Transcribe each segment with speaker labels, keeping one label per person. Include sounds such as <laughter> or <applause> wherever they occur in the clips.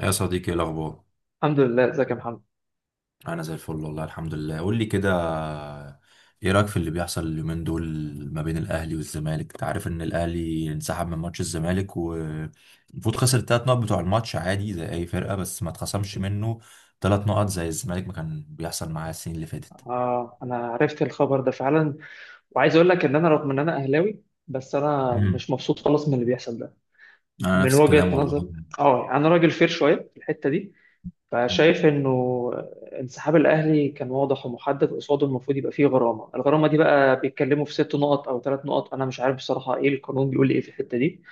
Speaker 1: يا صديقي ايه الاخبار؟
Speaker 2: الحمد لله، ازيك يا محمد.
Speaker 1: انا زي الفل والله الحمد لله. قول لي كده، ايه رايك في اللي بيحصل اليومين دول ما بين الاهلي والزمالك؟ انت عارف ان الاهلي انسحب من ماتش الزمالك والمفروض خسر الثلاث نقط بتوع الماتش عادي زي اي فرقه، بس ما اتخصمش منه ثلاث نقط زي الزمالك ما كان بيحصل معاه السنين اللي فاتت.
Speaker 2: اه انا عرفت الخبر ده فعلا، وعايز اقول لك ان انا رغم ان انا اهلاوي، بس انا
Speaker 1: امم
Speaker 2: مش مبسوط خالص من اللي بيحصل ده.
Speaker 1: انا
Speaker 2: من
Speaker 1: نفس الكلام
Speaker 2: وجهة
Speaker 1: والله.
Speaker 2: نظر اه يعني انا راجل فير شويه في الحته دي،
Speaker 1: مم.
Speaker 2: فشايف انه انسحاب الاهلي كان واضح ومحدد قصاده، المفروض يبقى فيه غرامه. الغرامه دي بقى بيتكلموا في ست نقط او ثلاث نقط، انا مش عارف بصراحه، ايه القانون بيقول ايه في الحته دي،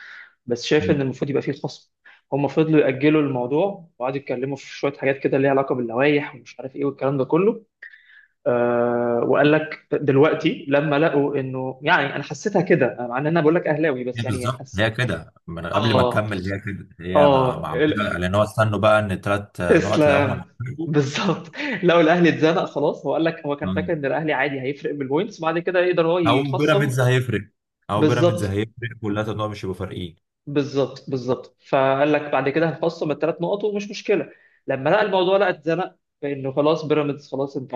Speaker 2: بس شايف ان
Speaker 1: مم.
Speaker 2: المفروض يبقى فيه خصم. هم فضلوا يأجلوا الموضوع وقعدوا يتكلموا في شوية حاجات كده ليها علاقة باللوائح ومش عارف ايه والكلام ده كله. وقال لك دلوقتي لما لقوا انه، يعني انا حسيتها كده مع ان انا بقول لك اهلاوي، بس
Speaker 1: هي
Speaker 2: يعني
Speaker 1: بالظبط
Speaker 2: حس
Speaker 1: هي كده، من قبل ما
Speaker 2: اه اه
Speaker 1: تكمل هي كده، هي مع
Speaker 2: اه ال-
Speaker 1: لان هو استنوا بقى ان الثلاث نقط لقاهم
Speaker 2: تسلم.
Speaker 1: هيتحسبوا.
Speaker 2: بالظبط. <laughs> لو الاهلي اتزنق خلاص، هو قال لك هو كان فاكر ان الاهلي عادي هيفرق بالبوينتس، بعد كده يقدر هو
Speaker 1: او
Speaker 2: يخصم.
Speaker 1: بيراميدز هيفرق، او بيراميدز
Speaker 2: بالظبط،
Speaker 1: هيفرق، كلها تنوع، مش هيبقوا فارقين.
Speaker 2: بالظبط، بالظبط. فقال لك بعد كده هنخصم الثلاث نقط ومش مشكله. لما لقى الموضوع، لقى اتزنق، فانه خلاص بيراميدز خلاص. انت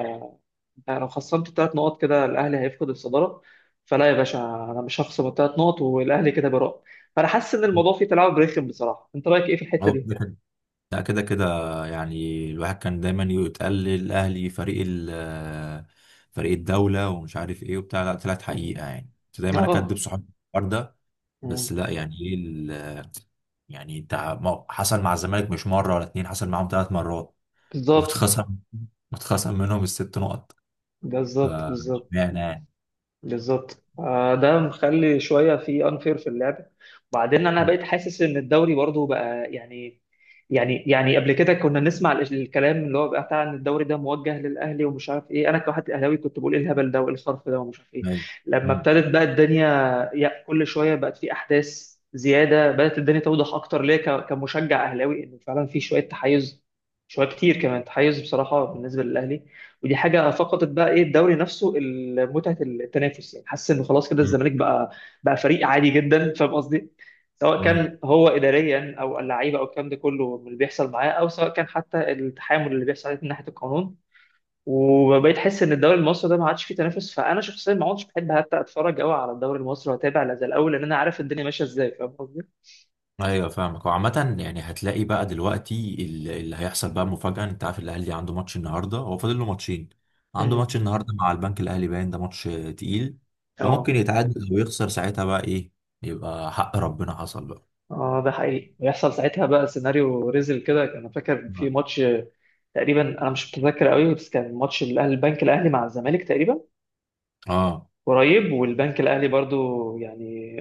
Speaker 2: انت لو خصمت الثلاث نقط كده الاهلي هيفقد الصداره، فلا يا باشا، انا مش هخصم الثلاث نقط والاهلي كده براء. فانا حاسس ان
Speaker 1: مم.
Speaker 2: الموضوع فيه تلاعب رخم بصراحه، انت رايك ايه في الحته
Speaker 1: هو
Speaker 2: دي؟
Speaker 1: كده كده، لا كده كده، يعني الواحد كان دايما يتقال الاهلي فريق فريق الدوله ومش عارف ايه وبتاع، لا طلعت
Speaker 2: يعني
Speaker 1: حقيقه، يعني كنت دايما اكدب
Speaker 2: اه
Speaker 1: صحابي في الحوار ده.
Speaker 2: مم.
Speaker 1: بس لا يعني ايه يعني انت ما- حصل مع الزمالك مش مره ولا اتنين، حصل معاهم ثلاث مرات. <laughs>
Speaker 2: بالظبط،
Speaker 1: واتخصم، واتخصم منهم الست نقط. ف
Speaker 2: بالظبط، بالظبط،
Speaker 1: اشمعنى يعني؟
Speaker 2: بالظبط. ده مخلي شويه في انفير في اللعبه. وبعدين انا
Speaker 1: مم.
Speaker 2: بقيت حاسس ان الدوري برضو بقى يعني، يعني قبل كده كنا نسمع الكلام اللي هو بقى بتاع ان الدوري ده موجه للاهلي ومش عارف ايه. انا كواحد اهلاوي كنت بقول ايه الهبل ده وايه الصرف ده ومش عارف ايه.
Speaker 1: أيوة.
Speaker 2: لما
Speaker 1: مم.
Speaker 2: ابتدت بقى الدنيا يا كل شويه بقت في احداث زياده، بدات الدنيا توضح اكتر ليا كمشجع اهلاوي ان فعلا في شويه تحيز، شويه كتير كمان تحيز بصراحه بالنسبه للاهلي. ودي حاجه فقدت بقى ايه الدوري نفسه، متعه التنافس. يعني حاسس انه خلاص كده
Speaker 1: مم.
Speaker 2: الزمالك بقى، بقى فريق عادي جدا، فاهم قصدي؟ سواء
Speaker 1: مم.
Speaker 2: كان هو اداريا او اللعيبه او الكلام ده كله من اللي بيحصل معاه، او سواء كان حتى التحامل اللي بيحصل عليه من ناحيه القانون. وبقيت احس ان الدوري المصري ده ما عادش فيه تنافس، فانا شخصيا ما عدتش بحب حتى اتفرج قوي على الدوري المصري واتابع لا زي الاول، لان انا عارف الدنيا ماشيه ازاي، فاهم قصدي؟
Speaker 1: ايوه فاهمك. وعامة يعني هتلاقي بقى دلوقتي اللي هيحصل بقى مفاجأة. انت عارف الاهلي عنده ماتش النهارده، هو فاضل له ماتشين. عنده ماتش
Speaker 2: امم
Speaker 1: النهارده، مع البنك الاهلي، باين ده ماتش تقيل.
Speaker 2: اه
Speaker 1: فممكن يتعادل او يخسر، ساعتها بقى ايه؟ يبقى حق ربنا حصل بقى.
Speaker 2: اه ده حقيقي ويحصل ساعتها بقى سيناريو ريزل كده. انا فاكر في ماتش تقريبا، انا مش متذكر قوي، بس كان ماتش الاهلي البنك الاهلي مع الزمالك تقريبا
Speaker 1: اه
Speaker 2: قريب، والبنك الاهلي برضو يعني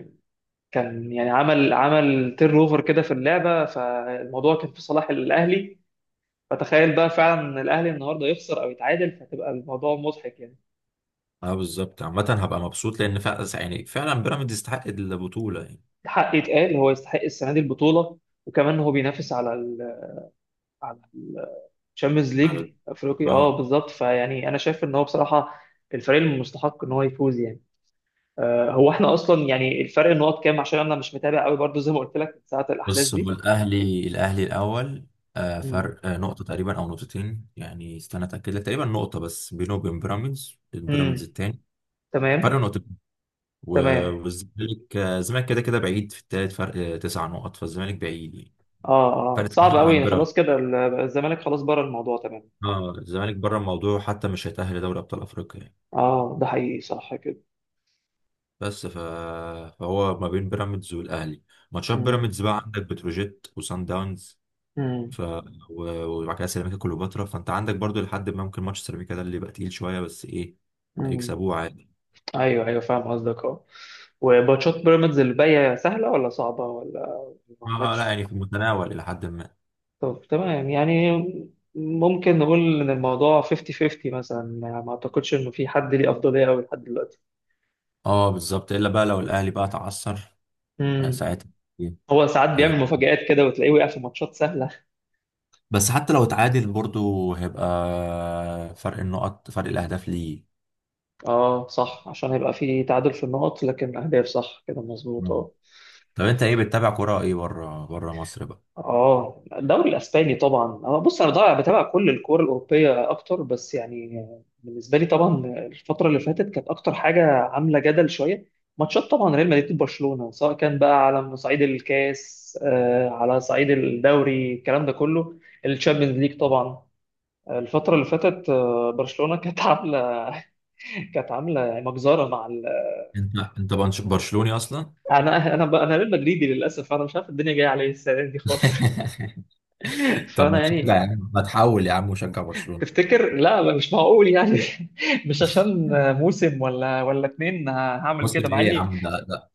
Speaker 2: كان يعني عمل تير اوفر كده في اللعبه، فالموضوع كان في صلاح الاهلي. فتخيل بقى فعلا الاهلي النهارده يخسر او يتعادل، فتبقى الموضوع مضحك يعني.
Speaker 1: اه بالظبط. عامة هبقى مبسوط لان فعلا يعني فعلا بيراميدز يستحق البطولة يعني.
Speaker 2: حق يتقال، هو يستحق السنه دي البطوله، وكمان هو بينافس على ال على الشامبيونز
Speaker 1: على
Speaker 2: ليج افريقي. اه
Speaker 1: اه،
Speaker 2: بالظبط، فيعني انا شايف ان هو بصراحه الفريق المستحق ان هو يفوز يعني. هو احنا اصلا يعني الفرق النقط كام؟ عشان انا مش متابع قوي برضو زي ما قلت لك من ساعه الاحداث
Speaker 1: بص، هو
Speaker 2: دي.
Speaker 1: الاهلي، الاهلي الاول، آه،
Speaker 2: مم.
Speaker 1: فرق آه، نقطه تقريبا او نقطتين، يعني استنى اتاكد لك. تقريبا نقطه بس بينه وبين بيراميدز، بيراميدز
Speaker 2: امم
Speaker 1: التاني، فرق
Speaker 2: تمام،
Speaker 1: نقطتين.
Speaker 2: تمام.
Speaker 1: والزمالك آه، الزمالك كده كده بعيد في التالت، فرق آه، تسع نقط، فالزمالك بعيد يعني.
Speaker 2: اه
Speaker 1: فرق تسع
Speaker 2: صعب
Speaker 1: نقط
Speaker 2: قوي
Speaker 1: عن
Speaker 2: يعني،
Speaker 1: بيراميدز.
Speaker 2: خلاص كده الزمالك خلاص بره الموضوع، تمام اه.
Speaker 1: اه الزمالك بره الموضوع، حتى مش هيتاهل لدوري ابطال افريقيا يعني.
Speaker 2: اه ده حقيقي، صح كده.
Speaker 1: بس ف... فهو ما بين بيراميدز والاهلي، ماتشات
Speaker 2: امم
Speaker 1: بيراميدز بقى عندك بتروجيت وسان داونز،
Speaker 2: امم
Speaker 1: ف وبعد كده سيراميكا كليوباترا، فانت عندك برضو لحد ما ممكن ماتش سيراميكا ده اللي يبقى تقيل شويه، بس ايه،
Speaker 2: امم
Speaker 1: هيكسبوه عادي.
Speaker 2: ايوه، ايوه، فاهم قصدك اه. وماتشات بيراميدز اللي باقيه سهله ولا صعبه، ولا ما
Speaker 1: اه آه، لا
Speaker 2: عندكش؟
Speaker 1: يعني في المتناول الى حد ما.
Speaker 2: طب تمام يعني. ممكن نقول ان الموضوع 50 50 مثلا، يعني ما اعتقدش انه في حد ليه افضليه قوي لحد دلوقتي.
Speaker 1: اه بالظبط، الا بقى لو الاهلي بقى تعثر آه،
Speaker 2: امم
Speaker 1: ساعتها إيه،
Speaker 2: هو ساعات
Speaker 1: آه.
Speaker 2: بيعمل مفاجآت كده وتلاقيه وقع في ماتشات سهلة.
Speaker 1: بس حتى لو اتعادل برضو هيبقى فرق النقط، فرق الاهداف ليه.
Speaker 2: اه صح، عشان هيبقى فيه تعادل في النقط لكن أهداف، صح كده مظبوط
Speaker 1: مم.
Speaker 2: اه.
Speaker 1: طب انت ايه بتتابع كرة ايه بره، بره مصر بقى؟
Speaker 2: اه الدوري الاسباني طبعا. اه بص انا ضايع بتابع كل الكوره الاوروبيه اكتر، بس يعني بالنسبه لي طبعا الفتره اللي فاتت كانت اكتر حاجه عامله جدل شويه. ماتشات طبعا ريال مدريد وبرشلونه، سواء كان بقى على صعيد الكاس على صعيد الدوري، الكلام ده كله. الشامبيونز ليج طبعا. الفتره اللي فاتت برشلونه كانت <laughs> عامله، كانت عامله مجزره مع
Speaker 1: برشلوني اصلا؟
Speaker 2: انا ريال مدريدي للاسف، انا مش عارف الدنيا جايه عليا السنه دي خالص.
Speaker 1: <laughs>
Speaker 2: <laughs>
Speaker 1: طب
Speaker 2: فانا
Speaker 1: ما تشجع يا
Speaker 2: يعني
Speaker 1: عم، ما تحول يا عم وشجع برشلونة.
Speaker 2: تفتكر؟ لا مش معقول يعني. <laughs> مش عشان موسم ولا اتنين هعمل
Speaker 1: مسلم
Speaker 2: كده، مع
Speaker 1: ايه يا
Speaker 2: اني
Speaker 1: عم ده؟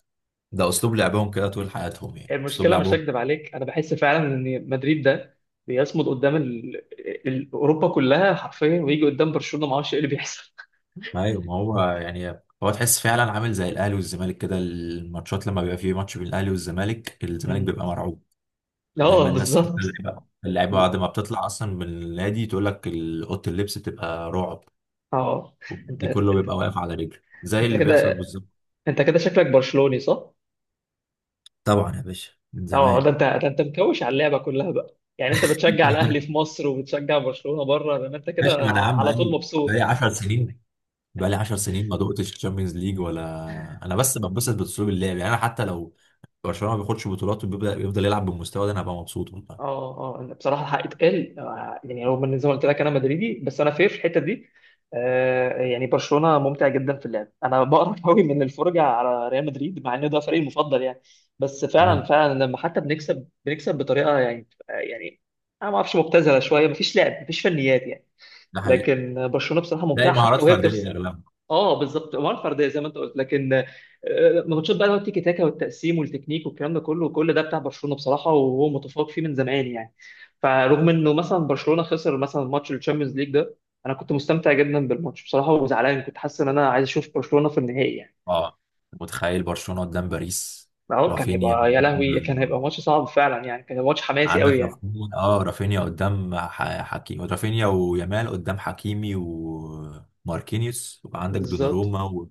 Speaker 1: ده اسلوب لعبهم كده طول حياتهم، يعني اسلوب
Speaker 2: المشكله مش
Speaker 1: لعبهم.
Speaker 2: هكدب عليك، انا بحس فعلا ان مدريد ده بيصمد قدام اوروبا كلها حرفيا، ويجي قدام برشلونه ما اعرفش ايه اللي بيحصل.
Speaker 1: ايوه، ما هو يعني هو تحس فعلا عامل زي الاهلي والزمالك كده، الماتشات لما بيبقى فيه ماتش بين الاهلي والزمالك الزمالك
Speaker 2: مم.
Speaker 1: بيبقى مرعوب.
Speaker 2: <laughs>
Speaker 1: دايما
Speaker 2: اه
Speaker 1: الناس حتى
Speaker 2: بالظبط
Speaker 1: اللعيبه، اللعيبه بعد ما بتطلع اصلا من النادي تقول لك اوضه اللبس بتبقى رعب،
Speaker 2: اه. انت
Speaker 1: دي كله بيبقى واقف على رجله زي
Speaker 2: انت
Speaker 1: اللي بيحصل
Speaker 2: كده
Speaker 1: بالظبط.
Speaker 2: انت كده شكلك برشلوني، صح؟
Speaker 1: طبعا يا باشا من
Speaker 2: اه ده
Speaker 1: زمان.
Speaker 2: انت، ده انت مكوش على اللعبه كلها بقى يعني، انت بتشجع الاهلي في
Speaker 1: <laughs>
Speaker 2: مصر وبتشجع برشلونه بره، ده انت كده
Speaker 1: ماشي، ما انا يا عم
Speaker 2: على طول
Speaker 1: بقالي،
Speaker 2: مبسوط.
Speaker 1: بقالي 10 سنين، بقالي 10 سنين ما دقتش تشامبيونز ليج ولا. انا بس بنبسط باسلوب اللعب، يعني انا حتى لو برشلونه ما بياخدش بطولات وبيبدا يفضل يلعب بالمستوى ده انا هبقى مبسوط والله.
Speaker 2: اه اه أنا بصراحه الحق يتقال، يعني رغم ان زي ما قلت لك انا مدريدي، بس انا فير في الحته دي. يعني برشلونه ممتع جدا في اللعب. انا <laughs> بقرف قوي من الفرجه على ريال مدريد مع ان ده فريقي المفضل يعني. بس فعلا،
Speaker 1: امم
Speaker 2: فعلا لما حتى بنكسب، بطريقه يعني يعني انا ما اعرفش، مبتذله شويه، مفيش لعب مفيش فنيات يعني.
Speaker 1: ده حقيقي،
Speaker 2: لكن برشلونه بصراحه
Speaker 1: تلاقي
Speaker 2: ممتعه حتى
Speaker 1: مهارات
Speaker 2: وهي بتخسر.
Speaker 1: فرديه اغلبها.
Speaker 2: اه بالظبط، مهاره فرديه زي ما انت قلت، لكن ماتشات بقى اللي هو التيكي تاكا والتقسيم والتكنيك والكلام ده كله، كل ده بتاع برشلونه بصراحه وهو متفوق فيه من زمان يعني. فرغم انه مثلا برشلونه خسر مثلا ماتش الشامبيونز ليج ده، انا كنت مستمتع جدا بالماتش بصراحه، وزعلان، كنت حاسس ان انا عايز اشوف برشلونه في النهائي يعني.
Speaker 1: اه متخيل برشلونه قدام باريس؟
Speaker 2: اهو كان
Speaker 1: رافينيا
Speaker 2: هيبقى يا
Speaker 1: قدام،
Speaker 2: لهوي، كان هيبقى ماتش صعب فعلا يعني، كان هيبقى ماتش حماسي قوي
Speaker 1: عندك
Speaker 2: يعني.
Speaker 1: رافينيا، اه رافينيا قدام حكيمي، رافينيا ويامال قدام حكيمي وماركينيوس، وعندك
Speaker 2: بالظبط.
Speaker 1: دوناروما و...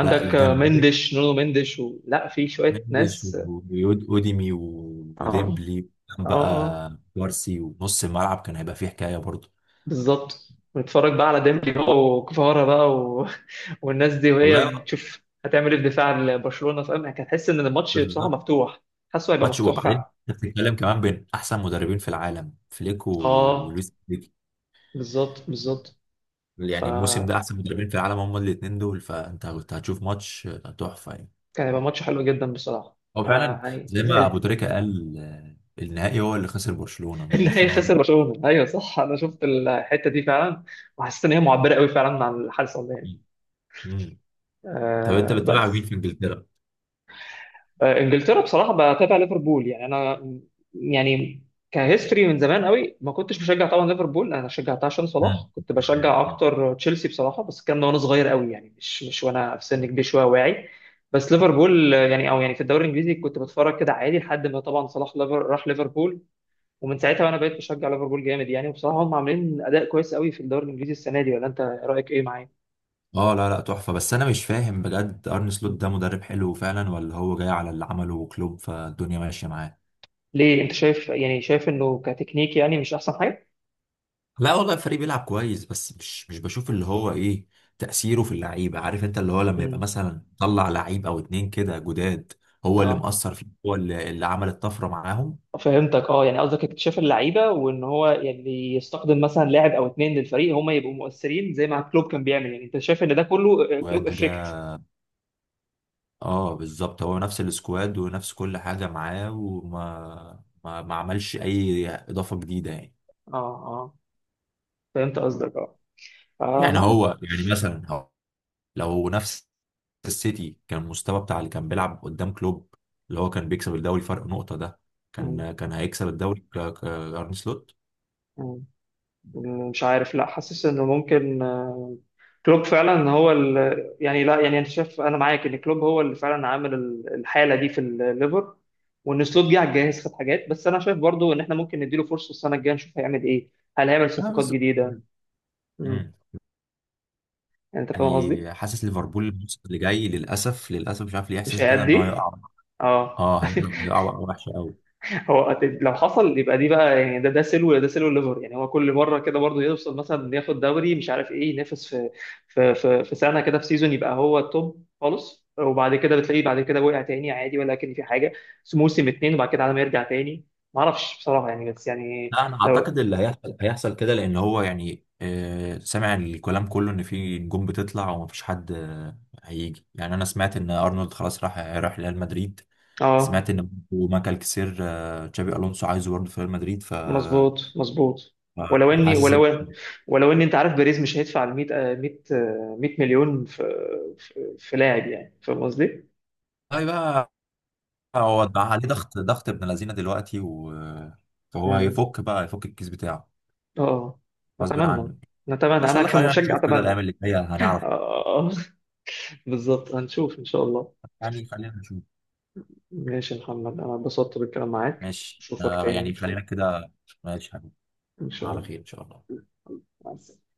Speaker 1: لا الجنبين
Speaker 2: مندش و لا في شويه
Speaker 1: مندس
Speaker 2: ناس.
Speaker 1: واوديمي
Speaker 2: اه
Speaker 1: وديمبلي، كان
Speaker 2: اه
Speaker 1: بقى كوارسي، ونص الملعب كان هيبقى فيه حكايه برضه.
Speaker 2: بالظبط، ونتفرج بقى على ديمبلي بقى وكفارة بقى و <laughs> والناس دي وهي
Speaker 1: والله
Speaker 2: بتشوف هتعمل ايه في دفاع لبرشلونة، فاهم؟ هتحس ان الماتش بصراحة
Speaker 1: بالظبط.
Speaker 2: مفتوح. حاسه هيبقى
Speaker 1: ماتش،
Speaker 2: مفتوح
Speaker 1: وبعدين
Speaker 2: فعلا.
Speaker 1: انت بتتكلم كمان بين احسن مدربين في العالم، فليك
Speaker 2: اه
Speaker 1: ولويس فليك،
Speaker 2: بالظبط، بالظبط.
Speaker 1: يعني الموسم
Speaker 2: فكان
Speaker 1: ده احسن مدربين في العالم هم الاثنين دول، فانت كنت هتشوف ماتش تحفه يعني.
Speaker 2: هيبقى ماتش حلو جدا بصراحة،
Speaker 1: هو فعلا
Speaker 2: فيعني
Speaker 1: زي ما ابو
Speaker 2: زعلت.
Speaker 1: تريكه قال آه، النهائي هو اللي خسر برشلونه،
Speaker 2: <laughs>
Speaker 1: مش
Speaker 2: ان هي
Speaker 1: برشلونه هو اللي
Speaker 2: خسر
Speaker 1: خسر.
Speaker 2: برشلونة، ايوه صح، انا شفت الحتة دي فعلا، وحسيت ان هي معبرة قوي فعلا عن اللي حصل يعني.
Speaker 1: مم. مم. طب انت بتتابع مين
Speaker 2: بس.
Speaker 1: في انجلترا؟
Speaker 2: انجلترا بصراحه بتابع ليفربول يعني. انا يعني كهيستوري من زمان قوي ما كنتش بشجع طبعا ليفربول، انا شجعتها عشان صلاح. كنت
Speaker 1: طبعاً يعني.
Speaker 2: بشجع اكتر تشيلسي بصراحه، بس الكلام ده وانا صغير قوي يعني، مش وانا في سن كبير شويه واعي. بس ليفربول يعني او يعني في الدوري الانجليزي كنت بتفرج كده عادي، لحد ما طبعا صلاح ليفر راح ليفربول، ومن ساعتها وانا بقيت بشجع ليفربول جامد يعني. وبصراحه هم عاملين اداء كويس قوي في الدوري الانجليزي السنه دي، ولا انت رايك ايه، معايا؟
Speaker 1: اه لا لا تحفه، بس انا مش فاهم بجد ارن سلوت
Speaker 2: مم.
Speaker 1: ده مدرب حلو فعلا، ولا هو جاي على اللي عمله كلوب فالدنيا ماشيه معاه؟
Speaker 2: ليه، انت شايف يعني، شايف انه كتكنيك يعني مش احسن حاجه؟
Speaker 1: لا والله الفريق بيلعب كويس، بس مش بشوف اللي هو ايه تأثيره في اللعيبة. عارف انت اللي هو لما يبقى
Speaker 2: مم.
Speaker 1: مثلا طلع لعيب او اتنين كده جداد هو اللي
Speaker 2: آه.
Speaker 1: مؤثر فيه، هو اللي عمل الطفرة معاهم
Speaker 2: فهمتك اه. يعني قصدك اكتشاف اللعيبه وان هو يعني يستخدم مثلا لاعب او اتنين للفريق هم يبقوا مؤثرين زي ما كلوب كان بيعمل يعني، انت شايف ان ده كله كلوب
Speaker 1: وجا.
Speaker 2: افكت.
Speaker 1: اه بالظبط، هو نفس السكواد ونفس كل حاجة معاه، وما ما, ما عملش اي اضافة جديدة يعني.
Speaker 2: اه فهمت قصدك اه.
Speaker 1: يعني
Speaker 2: معاك.
Speaker 1: هو يعني مثلا هو لو نفس السيتي كان المستوى بتاع اللي كان بيلعب قدام كلوب، اللي هو كان بيكسب الدوري فرق نقطة ده،
Speaker 2: مم،
Speaker 1: كان كان هيكسب الدوري ارن سلوت.
Speaker 2: مم. مش عارف، لا حاسس انه ممكن، كلوب فعلا هو يعني لا، يعني انت شايف، انا معاك ان كلوب هو اللي فعلا عامل الحاله دي في الليفر، وان سلوت جه على الجاهز خد حاجات. بس انا شايف برضو ان احنا ممكن نديله فرصه السنه الجايه نشوف هيعمل ايه، هل هيعمل
Speaker 1: اه
Speaker 2: صفقات
Speaker 1: بس
Speaker 2: جديده
Speaker 1: مم.
Speaker 2: يعني، انت فاهم قصدي؟
Speaker 1: يعني حاسس ليفربول الموسم اللي جاي للاسف، للاسف مش عارف ليه
Speaker 2: مش
Speaker 1: احساسي كده ان هو
Speaker 2: هيأدي؟
Speaker 1: يقع.
Speaker 2: اه
Speaker 1: اه هيقع،
Speaker 2: <laughs>
Speaker 1: هيقع وقعة وحشه قوي.
Speaker 2: هو لو حصل يبقى دي بقى يعني، ده ده سلو، ده سلو ليفر يعني. هو كل مره كده برضه يوصل مثلا ياخد دوري مش عارف ايه، ينافس في في سنه كده في سيزون يبقى هو التوب خالص، وبعد كده بتلاقيه بعد كده وقع تاني عادي، ولكن في حاجه. بس موسم اتنين وبعد كده على ما يرجع تاني، ما اعرفش بصراحه يعني، بس يعني
Speaker 1: لا انا اعتقد
Speaker 2: لو
Speaker 1: اللي هيحصل هيحصل كده، لان هو يعني سامع الكلام كله ان في نجوم بتطلع ومفيش حد هيجي. يعني انا سمعت ان ارنولد خلاص راح، راح ريال مدريد،
Speaker 2: اه،
Speaker 1: سمعت ان ماكل كسير آه تشابي الونسو عايزه برضه في ريال مدريد،
Speaker 2: مظبوط مظبوط. ولو اني،
Speaker 1: فحاسس ان
Speaker 2: ولو، ولو اني انت عارف بيريز مش هيدفع ال 100 100 100 مليون في في لاعب، يعني فاهم قصدي؟
Speaker 1: طيب بقى هو ده عليه ضغط، ضغط ابن لذينه دلوقتي و... فهو
Speaker 2: مم.
Speaker 1: هيفك بقى، هيفك الكيس بتاعه
Speaker 2: اه
Speaker 1: غصب
Speaker 2: نتمنى،
Speaker 1: عنه.
Speaker 2: نتمنى،
Speaker 1: بس
Speaker 2: انا
Speaker 1: والله خلينا
Speaker 2: كمشجع
Speaker 1: نشوف كده،
Speaker 2: اتمنى.
Speaker 1: الايام اللي جايه
Speaker 2: <laughs>
Speaker 1: هنعرف،
Speaker 2: اه بالظبط هنشوف ان شاء الله.
Speaker 1: يعني خلينا نشوف.
Speaker 2: ماشي يا محمد، انا اتبسطت بالكلام معاك،
Speaker 1: ماشي
Speaker 2: اشوفك
Speaker 1: آه،
Speaker 2: تاني ان
Speaker 1: يعني
Speaker 2: شاء
Speaker 1: خلينا
Speaker 2: الله.
Speaker 1: كده. ماشي يا حبيبي،
Speaker 2: ان شاء
Speaker 1: على
Speaker 2: الله،
Speaker 1: خير ان شاء الله.
Speaker 2: مع السلامة.